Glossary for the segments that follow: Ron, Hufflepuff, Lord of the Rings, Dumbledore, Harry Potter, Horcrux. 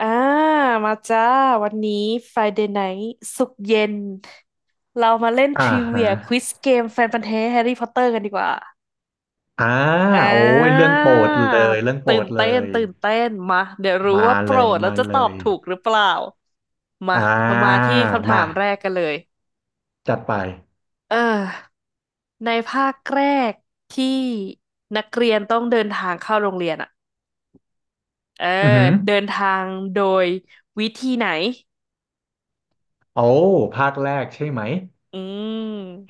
อ่ามาจ้า วันนี้ Friday Night ศุกร์เย็น เรามาเล่นทอ่าริฮะเวียควิสเกมแฟนพันธุ์แท้แฮร์รี่พอตเตอร์กันดีกว่าอ่าอ่โอ้ยเรื่องโปรดเลายเรื่องโปรตื่นดเลเต้น ยตื่นเต้น มา เดี๋ยวรู้มาว่าโปเลรยดแล้วมาจะเลตอบยถูกหรือเปล่า มาอ่เรามาาที่คำถามามแรกกันเลย จัดไปเออ ในภาคแรกที่นักเรียนต้องเดินทางเข้าโรงเรียนอ่ะเออ อือหือเดินทางโดยวิธีไหน โอ้ภาคแรกใช่ไหมอื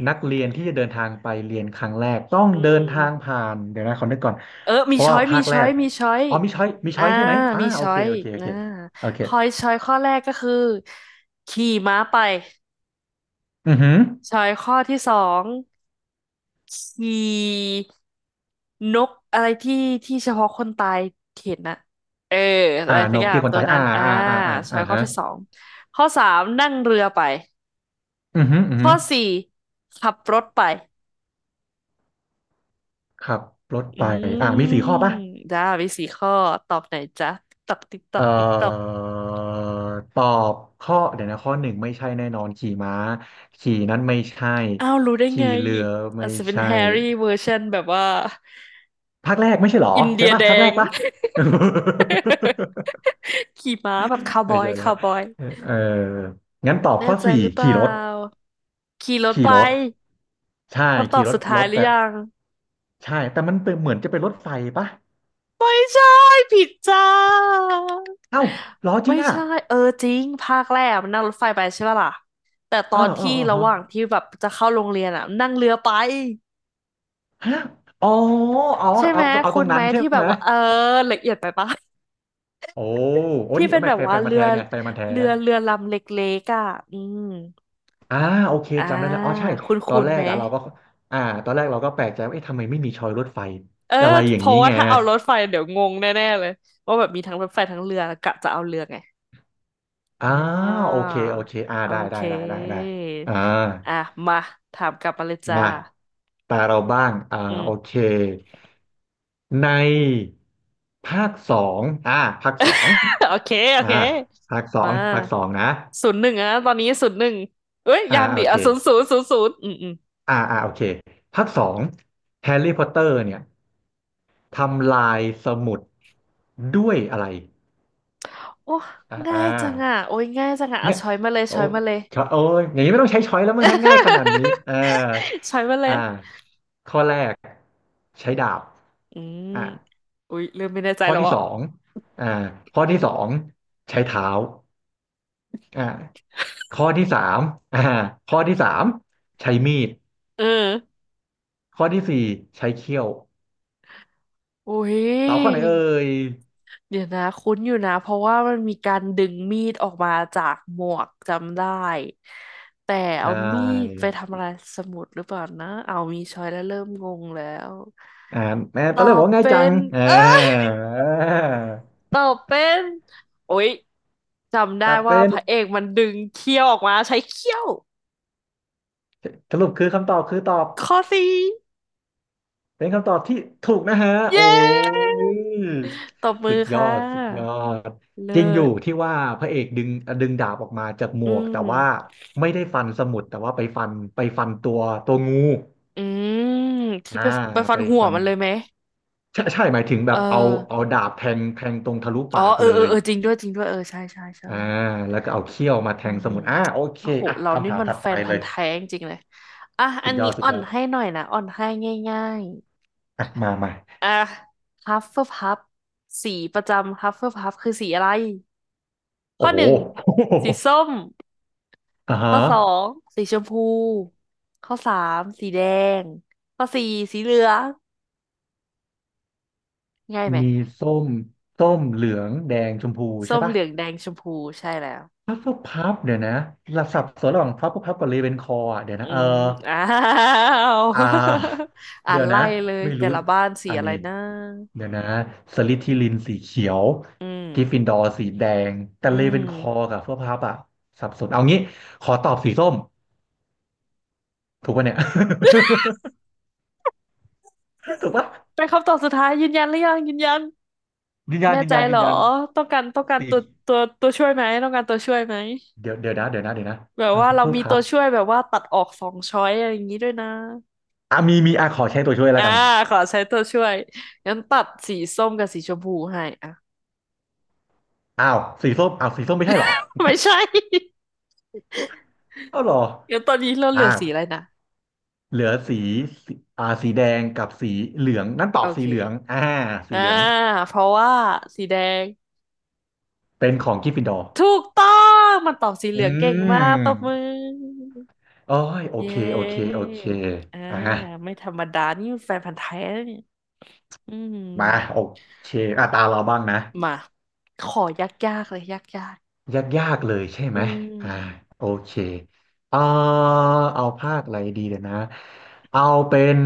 ม นักเรียนที่จะเดินทางไปเรียนครั้งแรกต้องอืเดินทางม ผ่านเดี๋ยวนะขอนึกก่อนเออเพมีราะช้ว่าอย มีภาคแรช้อยกมีช้อยมีช้อยมีอ่าช้อยใช่ไหมมีโอช้อเคยโอเคโออ่าเคโอเคคอยช้อยข้อแรกก็คือขี่ม้าไปอือหือช้อยข้อที่สองขี่นกอะไรที่เฉพาะคนตายเห็นนะเอออะอ่าไรสัโนกอย่าเกีงยคนตัวตายนั้อ่านอ่าอ่าอ่าอ่าช้ออ่ายข้อฮะที่สองข้อสามนั่งเรือไปอือหืออือข้หืออสี่ขับรถไปขับรถไปอืมีสี่มข้อป่ะ จ้ามีสี่ข้อตอบไหนจ๊ะตกตอกติ๊กตอเอ่กติ๊กตอก อตอบข้อเดี๋ยวนะข้อหนึ่งไม่ใช่แน่นอนขี่ม้าขี่นั้นไม่ใช่อ้าวรู้ได้ไงขี่เรืออาไม่จจะเป็นใช่แฮร์รี่เวอร์ชันแบบว่าภาคแรกไม่ใช่เหรออินเดีใช่ยป่ะแดภาคแรง กป่ะ ขี่ม้าแบบคาว บไม่อยใช่ละคาวบอยเอองั้นตอบแน่ข้อใจสี่หรือเปขี่ล่ารถขี่รถขี่ไปรถใช่คำตอบขี่รสุถดท้ารยถหรืแต่อยังใช่แต่มันเป็นเหมือนจะเป็นรถไฟป่ะไม่ใช่ผิดจ้าเอ้าเหรอจริไม่งอ่ะใช่เออจริงภาคแรกมันนั่งรถไฟไปใช่ป่ะล่ะแต่ตเอออนเออที่เออระฮะหว่างที่แบบจะเข้าโรงเรียนอ่ะนั่งเรือไปฮะอ๋ออ๋อใช่ไหเอามเอาคุตรณงไหมนั้นใช่ที่แบไหม บว่าเออละเอียดไปปะ โอ้โอ้ที่นี่เป็นแบไม่บแฟนแฟว่านมาเรืแท้อไงแฟนมาแท้เรือเรือลำเล็กๆอ่ะอืมอ่าโอเคอ่าจำได้แล้วอ๋อใช่คุณตอคุนณแรไหมกอะเราก็อ่าตอนแรกเราก็แปลกใจว่าเอ๊ะทำไมไม่มีชอยรถไฟ เอออะไรอเพย่างนี้ราะว่าไงถ้าเอารถไฟเดี๋ยวงงแน่ๆเลย ว่าแบบมีทั้งรถไฟทั้งเรือกะจะเอาเรือไงอ่อ่าโอาเคโอเคโอได้เคได้ได้ได้ได้อ่าอ่ะมาถามกลับมาเลยจ้ามาตาเราบ้างอืม โอเคในภาคสองภาคสอง โอเคโออ่าเคมาภาคสองนะศูนย์หนึ่งอะตอนนี้ศูนย์หนึ่งเอ้ยยังดิโอเคอ่ะศูนย์ศูนย์ศูนย์ศูนย์อืมอืมโอเคภาคสองแฮร์รี่พอตเตอร์เนี่ย ทำลายสมุดด้วยอะไรโอ้อ่ง่ายจังาอ่ะโอ้ยง่ายจังอ่ะเอาเนี่ยช้อยมาเลยโอ้ช้อยมาเลย โอ้ยอย่างนี้ไม่ต้องใช้ช้อยแล้วมั้งทั้งง่ายขนาดนี้ ใช้มาเลอ่ายข้อแรกใช้ดาบอืมอ่าอุ๊ยเริ่มไม่แน่ใจข้อแล้วที่อ่ะสองอ่าข้อที่สองใช้เท้าอ่าข้อที่สามอ่าข้อที่สามใช้มีด เออข้อที่สี่ใช้เขี้ยวอุ๊ตอบข้อไหนยเอ่ยเดี๋ยวนะคุ้นอยู่นะ เพราะว่ามันมีการดึงมีดออกมาจากหมวกจำได้ แต่ใชเอามีด่ไปทำอะไรสมุดหรือเปล่านะเอามีช้อยแล้วเริ่มงงแล้วอ่าแม่ตตออนแรกบอบกว่าง่ายเป็จังนอ่า เอ้ยตอบเป็นโอ๊ยจำได้ตอบว่าเป็นพระเอกมันดึงเขี้ยวออกมาใช้เขี้ยวสรุปคือคำตอบคือตอบข้อสี่เป็นคำตอบที่ถูกนะฮะเยโอ้้ยตบมืสุอดยอค่ดสุดยอะ ดเลิจริงอยู่ศ ที่ว่าพระเอกดึงดาบออกมาจากหมอืวกแต่มว่าไม่ได้ฟันสมุดแต่ว่าไปฟันตัวงูอืมที่อ่าไปไปฟัไปนหัวฟันมันเลยไหมใช่ใช่หมายถึงแบเออบเอาดาบแทงตรงทะลุอ๋อปากเออเลเออยเออจริงด้วยจริงด้วยเออใช่ใช่ใช่อ่าแล้วก็เอาเขี้ยวมาแทอืงสมมุดโอเคโอ้โหอ่ะเราคำนี่ถามมันถัดแฟไปนเลพันยธุ์แท้จริงๆเลยอ่ะอัสุดนยนี้อดสุอ่ดอยนอดให้หน่อยนะอ่อนให้ง่ายอ่ะมามาๆอ่ะฮัฟเฟิลพัฟสีประจำฮัฟเฟิลพัฟคือสีอะไรข้โอ้อโห หนึ่ง สีส้มฮะ ข้อสองสีชมพูข้อสามสีแดงข้อสี่สีเหลืองง่ายไหมมีส้ม ส้มเหลืองแดงชมพูส้ใช่มปะเหลืองแดงชมพูใช่แล้ว พัฟเฟิลพัฟเดี๋ยวนะหลับสับสนระหว่างพัฟเฟิลพับกับเรเวนคอร์อ่ะเดี๋ยวอืนะมอ้าว อ่า อ่าเดี๋นยวนะไล่เลยไม่แต่รู้ละบ้านสีอันอะไรนี้นะเดี๋ยวนะสลิธีรินสีเขียวอืกริฟฟิมนดอร์สีแดงแต่อืเรเวนคอร์มกับพัฟเฟิลพัฟอ่ะสับสนเอางี้ขอตอบสีส้มถูกปะเนี่ย ถูกปะเป็นคำตอบสุดท้ายยืนยันหรือยังยืนยันยืนยันแน่ยืนใจยันเหยืรนอยันต้องการสีตัวตัวช่วยไหมต้องการตัวช่วยไหมเดี๋ยวนะเดี๋ยวนะแบบพัว่าฟเราเฟิลมีพัตัฟวช่วยแบบว่าตัดออกสองช้อยอะไรอย่างนี้ด้วยนะอ่ะมีอ่ะขอใช้ตัวช่วยแล้วอ่ากัน ขอใช้ตัวช่วยงั้นตัดสีส้มกับสีชมพูให้อ่ะ อ้าวสีส้มไม่ใช่เหรอ ไม่ใช่ อ้าวเหรองั้นตอนนี้เราเหลือ่าอสีอะไรนะเหลือสีสีสีแดงกับสีเหลืองงั้นตอโอบสีเคเหลืองสีอ่าเหลืองเพราะว่าสีแดง เป็นของกริฟฟินดอร์ถูกต้องมันตอบสีเหอืลืองเก่งมากตบมืมอโอ้ยโอเยเคโอเคโอ้เคอ่าอ่ะไม่ธรรมดา นี่แฟนพันธุ์แท้นะเนี่ยอืมมาโอเคอ่ะตาเราบ้างนะมาขอยากๆเลยยากยากยากเลยใช่ๆอืไหมมอ่าโอเคเออเอาภาคอะไรดีเดี๋ยวนะเอาเป็น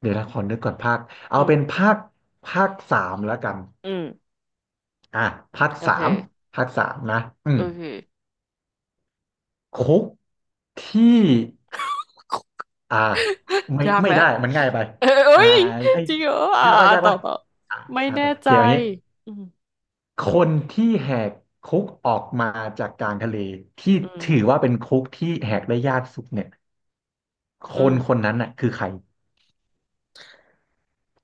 เดี๋ยวนะขอนึกก่อนภาคเอาอืเป็นมภาคภาคสามแล้วกัน อืมอ่ะภาคโอสาเคมภาคสามนะอืโอมเคคุกที่อ่าไม่ยากไม่แล้วได้มันง่ายไปเอ้ยเอ้อ่ายไอ้จริงเหรออ่ายากปะอ่ายากต่อปะต่ออ่าไม่แน่แบบโอใจเคเอางี้อืมคนที่แหกคุกออกมาจากกลางทะเลที่อืมถือว่าเป็นคุกที่แหกได้ยากสุดเนี่ยคอืนมคนนั้นน่ะคือใคร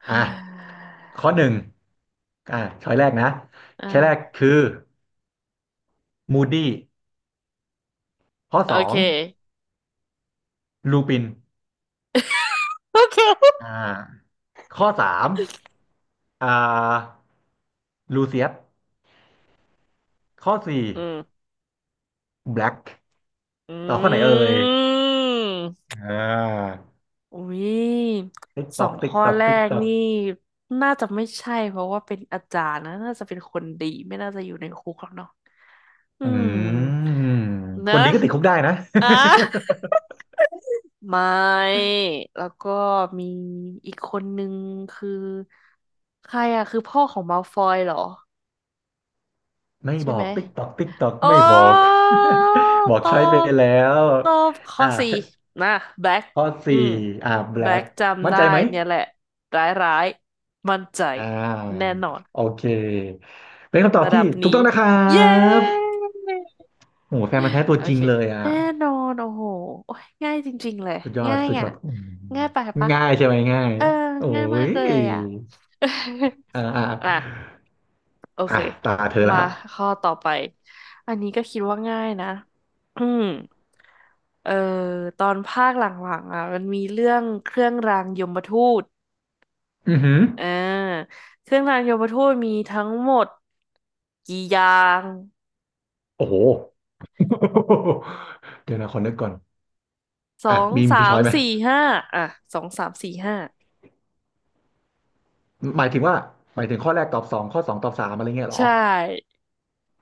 อ่ะข้อหนึ่งอ่าช้อยแรกนะช้อยแรกอ่าคือมูดี้ข้อโอสอเค งลูปิน โอเคอ่า ข้อสามอ่าลูเซียสข้อสี่อืมแบล็กอืม ตอบข้อไหนเอ่ยอ่าอุ้ยติ๊กสตออกงติ๊กข้อตอกแรติ๊กกตอกนี่น่าจะไม่ใช่เพราะว่าเป็นอาจารย์นะน่าจะเป็นคนดีไม่น่าจะอยู่ในคุกหรอกเนาะอือืมมเนคอะนดีก็ติดคุกได้นะ อ่ะ ไม่แล้วก็มีอีกคนนึงคือใครอะคือพ่อของมัลฟอยเหรอ ไม่ใช่บอไหม กติ๊กตอกติ๊กตอกโอ้ไม่บอก บอกตอใช้ไปบ แล้วตอบข้ออ่าสี่นะแบ็คข้ออืสี่ม แบล็แบ็กคจำมั่นได้ใจไหมเนี่ยแหละ ร้ายร้ายมั่นใจ อ่แน่านอน โอเคเป็นคำตอบระดัที่บถูกนี้ ต้องนะครัเย้ บโอ้โหแฟนมันธุ์แท้ตัวโอจริเค งเลยอ่ะ แน่นอน โอ้โหโอ้ยง่ายจริงๆ เลย สุดยอดง่ายสุดยอ่ะอดอืมง่ายไปปะ ง่ายใช่ไหมง่ายเออ โอ้ง่ายมายกเลยอ่ะ อ่าอ่า อ่ะ โอเคอ่ะตาเธอละมาข้อต่อไปอันนี้ก็คิดว่าง่ายนะอืมเอ่อตอนภาคหลังๆอ่ะมันมีเรื่องเครื่องรางยมทูตอือหืออ่าเครื่องรางยมทูตมีทั้งหมดกี่อย่างโอ้โหเดี๋ยวนะขอนึกก่อนสออ่ะงมีสามีช้มอยไหมสี่ห้าอ่ะสองสามสี่ห้าหมายถึงว่าหมายถึงข้อแรกตอบสองข้อสองตอบสามอะไรเงี้ยเหรอใช่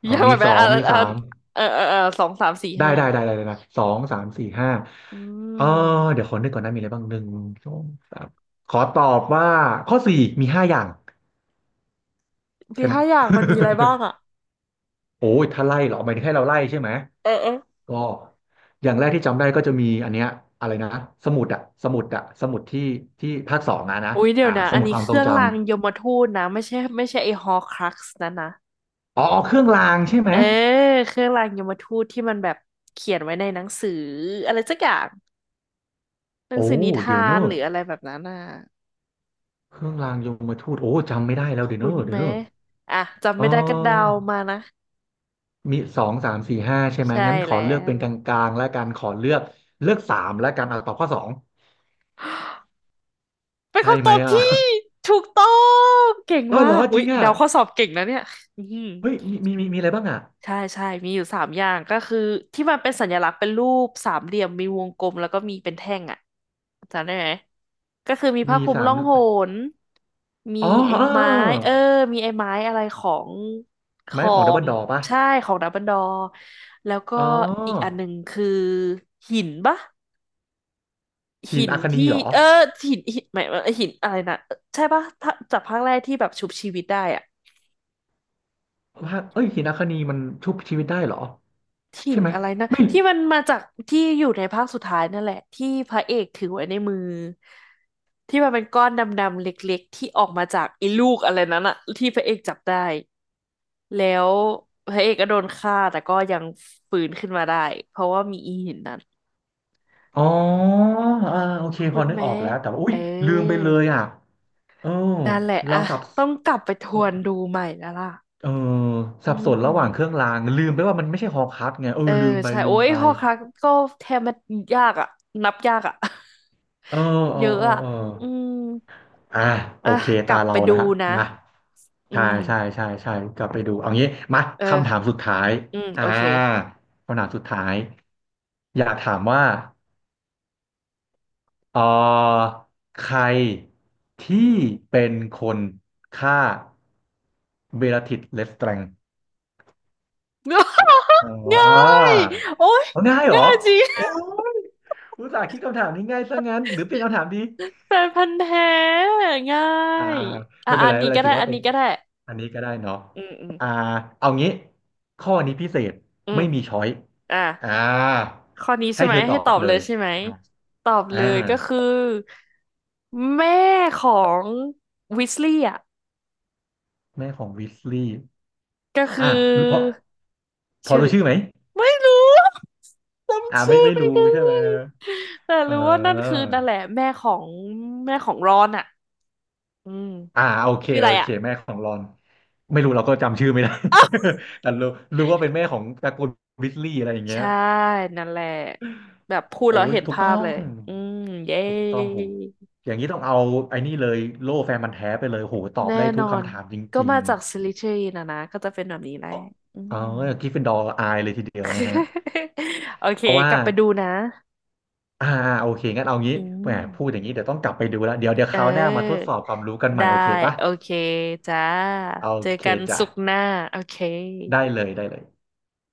ยากกมีว่าไหมสออ่ะงมีอ่ะสามเออเออเออสองสามสี่ได้ห้าได้ได้ได้เลยนะสองสามสี่ห้าอืเออเดี๋ยมวขอนึกก่อนนะมีอะไรบ้างหนึ่งสองสามขอตอบว่าข้อสี่มีห้าอย่างมีใช่ไหม ห้าอย่างมันมีอะไรบ้าง อ่ะโอ้ยถ้าไล่เหรอหมายถึงให้เราไล่ใช่ไหมเออเออ ก็อย่างแรกที่จำได้ก็จะมีอันเนี้ยอะไรนะสมุดที่ภาคสองอะนะอุ๊ยเดี๋ยอ่าวนะสอันมุดนี้ความเคทรงรื่องจำรางยมทูตนะไม่ใช่ไม่ใช่ไอ้ฮอรครักซ์นะอ๋อเครื่องรางใช่ไหมเออเครื่องรางยมทูตที่มันแบบเขียนไว้ในหนังสืออะไรสักอย่างหนังโอ้สือนิเดี๋ยวทาเนนอะหรืออะไรแบบนั้นน่ะเครื่องรางยมทูตโอ้จำไม่ได้แล้วเดี๋ยวเนคุ้นอะเดี๋ไหยมวเนอะอ่ะจำเไม่ได้ก็เดาออมานะมีสองสามสี่ห้าใช่ไหมใช่งั้นขอแล้เลือกเป็วนกลางๆแล้วกันขอเลือกสามแล้วกันเอาตอบข้อสองเป็นใช่คำตไหมอบอ่ะ ที่ถูกต้องเก่ง เอ้ามาเหรอกจอุ้ริยงอ่ะเดาข้อสอบเก่งนะเนี่ยอืมเฮ้ยมีอะไรบ้างอ่ะใช่ใช่มีอยู่สามอย่างก็คือที่มันเป็นสัญลักษณ์เป็นรูปสามเหลี่ยมมีวงกลมแล้วก็มีเป็นแท่งอ่ะ จำได้ไหมก็คือมีผ้ามีคลุมสามล่องหน มีอ๋อไอ้เออ ไม้ เออ มีไอ้ไม้อะไรของขไม้อของดับเบิงลดอร์ป่ะใช่ของดัมเบิลดอร์แล้วก็อ๋ออีกอันหนึ่งคือหินปะหิหินนอัคานีที่เหรอเออหินหินหมายว่าหินอะไรนะใช่ปะถ้าจากภาคแรกที่แบบชุบชีวิตได้อะ ว่าเอ้ยหินอัคานีมันชุบชีวิตได้เหรอถิ่ใช่นไหมอะไรนะไม่ที่มันมาจากที่อยู่ในภาคสุดท้ายนั่นแหละที่พระเอกถือไว้ในมือที่มันเป็นก้อนดำๆเล็กๆที่ออกมาจากไอ้ลูกอะไรนั้นอะที่พระเอกจับได้แล้วพระเอกก็โดนฆ่าแต่ก็ยังฟื้นขึ้นมาได้เพราะว่ามีอีหินนั้นอ๋ออ่าโอเคพคุอณนึกอแม่อกแล้วแต่ว่าอุ้เอยลืมไปอเลยอ่ะเออนั่นแหละเราอะสับต้องกลับไปทวนดูใหม่แล้วล่ะเอออืสับสนระหว่างเครื่องม รางลืมไปว่ามันไม่ใช่ฮอร์ครักซ์ไงเอเอออลืมไปใช่ลืโอ้มยไปหอครักก็แทบมันยากอ่ะนับยากอ่ะ เออ เออเยอะเอออ่ะเออ อืมอ่าโออ่ะเคกตาลับไปเราดูแล้วนะมาอืใช่มใช่กลับไปดูเอางี้มาเออคำถามสุดท้ายอืมอ่าโอเค คำถามสุดท้ายอยากถามว่าเออใครที่เป็นคนฆ่าเบลลาทิสเลสแตรง อ่ง่าายโอ้ยเอาง่ายเหรอง่ายจริง โอ้ยอุตส่าห์คิดคำถามนี้ง่ายซะงั้นหรือเปลี่ยนคำถามดี แฟนพันธุ์แท้ง่าอ่ายอ่าอ่ะไม่อะเป็อันไรนไม่นี้เป็นไรก็ได้ถืออัว่านเป็นี้นก็ได้อันนี้ก็ได้เนาะอืมอืมอ่าเอางี้ข้อนี้พิเศษอืมไม่มีช้อยอ่ะอ่าข้อนี้ใช่ให้ไหมเธอตให้อตอบบเลเลยยใช่ไหมอ่าตอบเลยก็คือแม่ของวิสลี่อ่ะ แม่ของวิสลีย์ก็คือ่าอรู้พอพอชื่อรู้ชื่อไหมไม่รู้ อ่าจำไม่ชื่อไม่ไม่รู้ได้ใช่ไหมแต่เรู้ว่านั่นคือออนั่นแหละแม่ของแม่ของรอนอ่ะอืมอ่าโอเคชื่ออะไรโอเคอ่ะ แม่ของรอนไม่รู้เราก็จำชื่อไม่ได้ อ้าว แต่รู้ว่าเป็นแม่ของตระกูลวิสลีย์อะไรอย่างเงี้ยใช่นั่นแหละแบบพูดโอ้แล้วยเห็นถูกภาต้อพเลง ยอืมเย้ถูกต้องโหอย่างนี้ต้องเอาไอ้นี่เลยโล่แฟนมันธุ์แท้ไปเลยโหตอบแน่ได้นทุอกนคำถามจก็ริมางจากซิลิเทรีนะนะก็จะเป็นแบบนี้แหละอืๆเออม กริฟฟินดอร์อายเลยทีเดียวนะฮะ โอเคเพราะกว่าลับไปดูนะอ่าโอเคงั้นเอางี้อืแหมพูดอม ย่างนี้เดี๋ยวต้องกลับไปดูแล้วเดี๋ยวเคราวหน้ามาทดออสอบความรู้กันใหม่ได้โอเคปะโอเคจ้าโอเจอเคกันจ้ะศุกร์หน้าโอเคได้เลย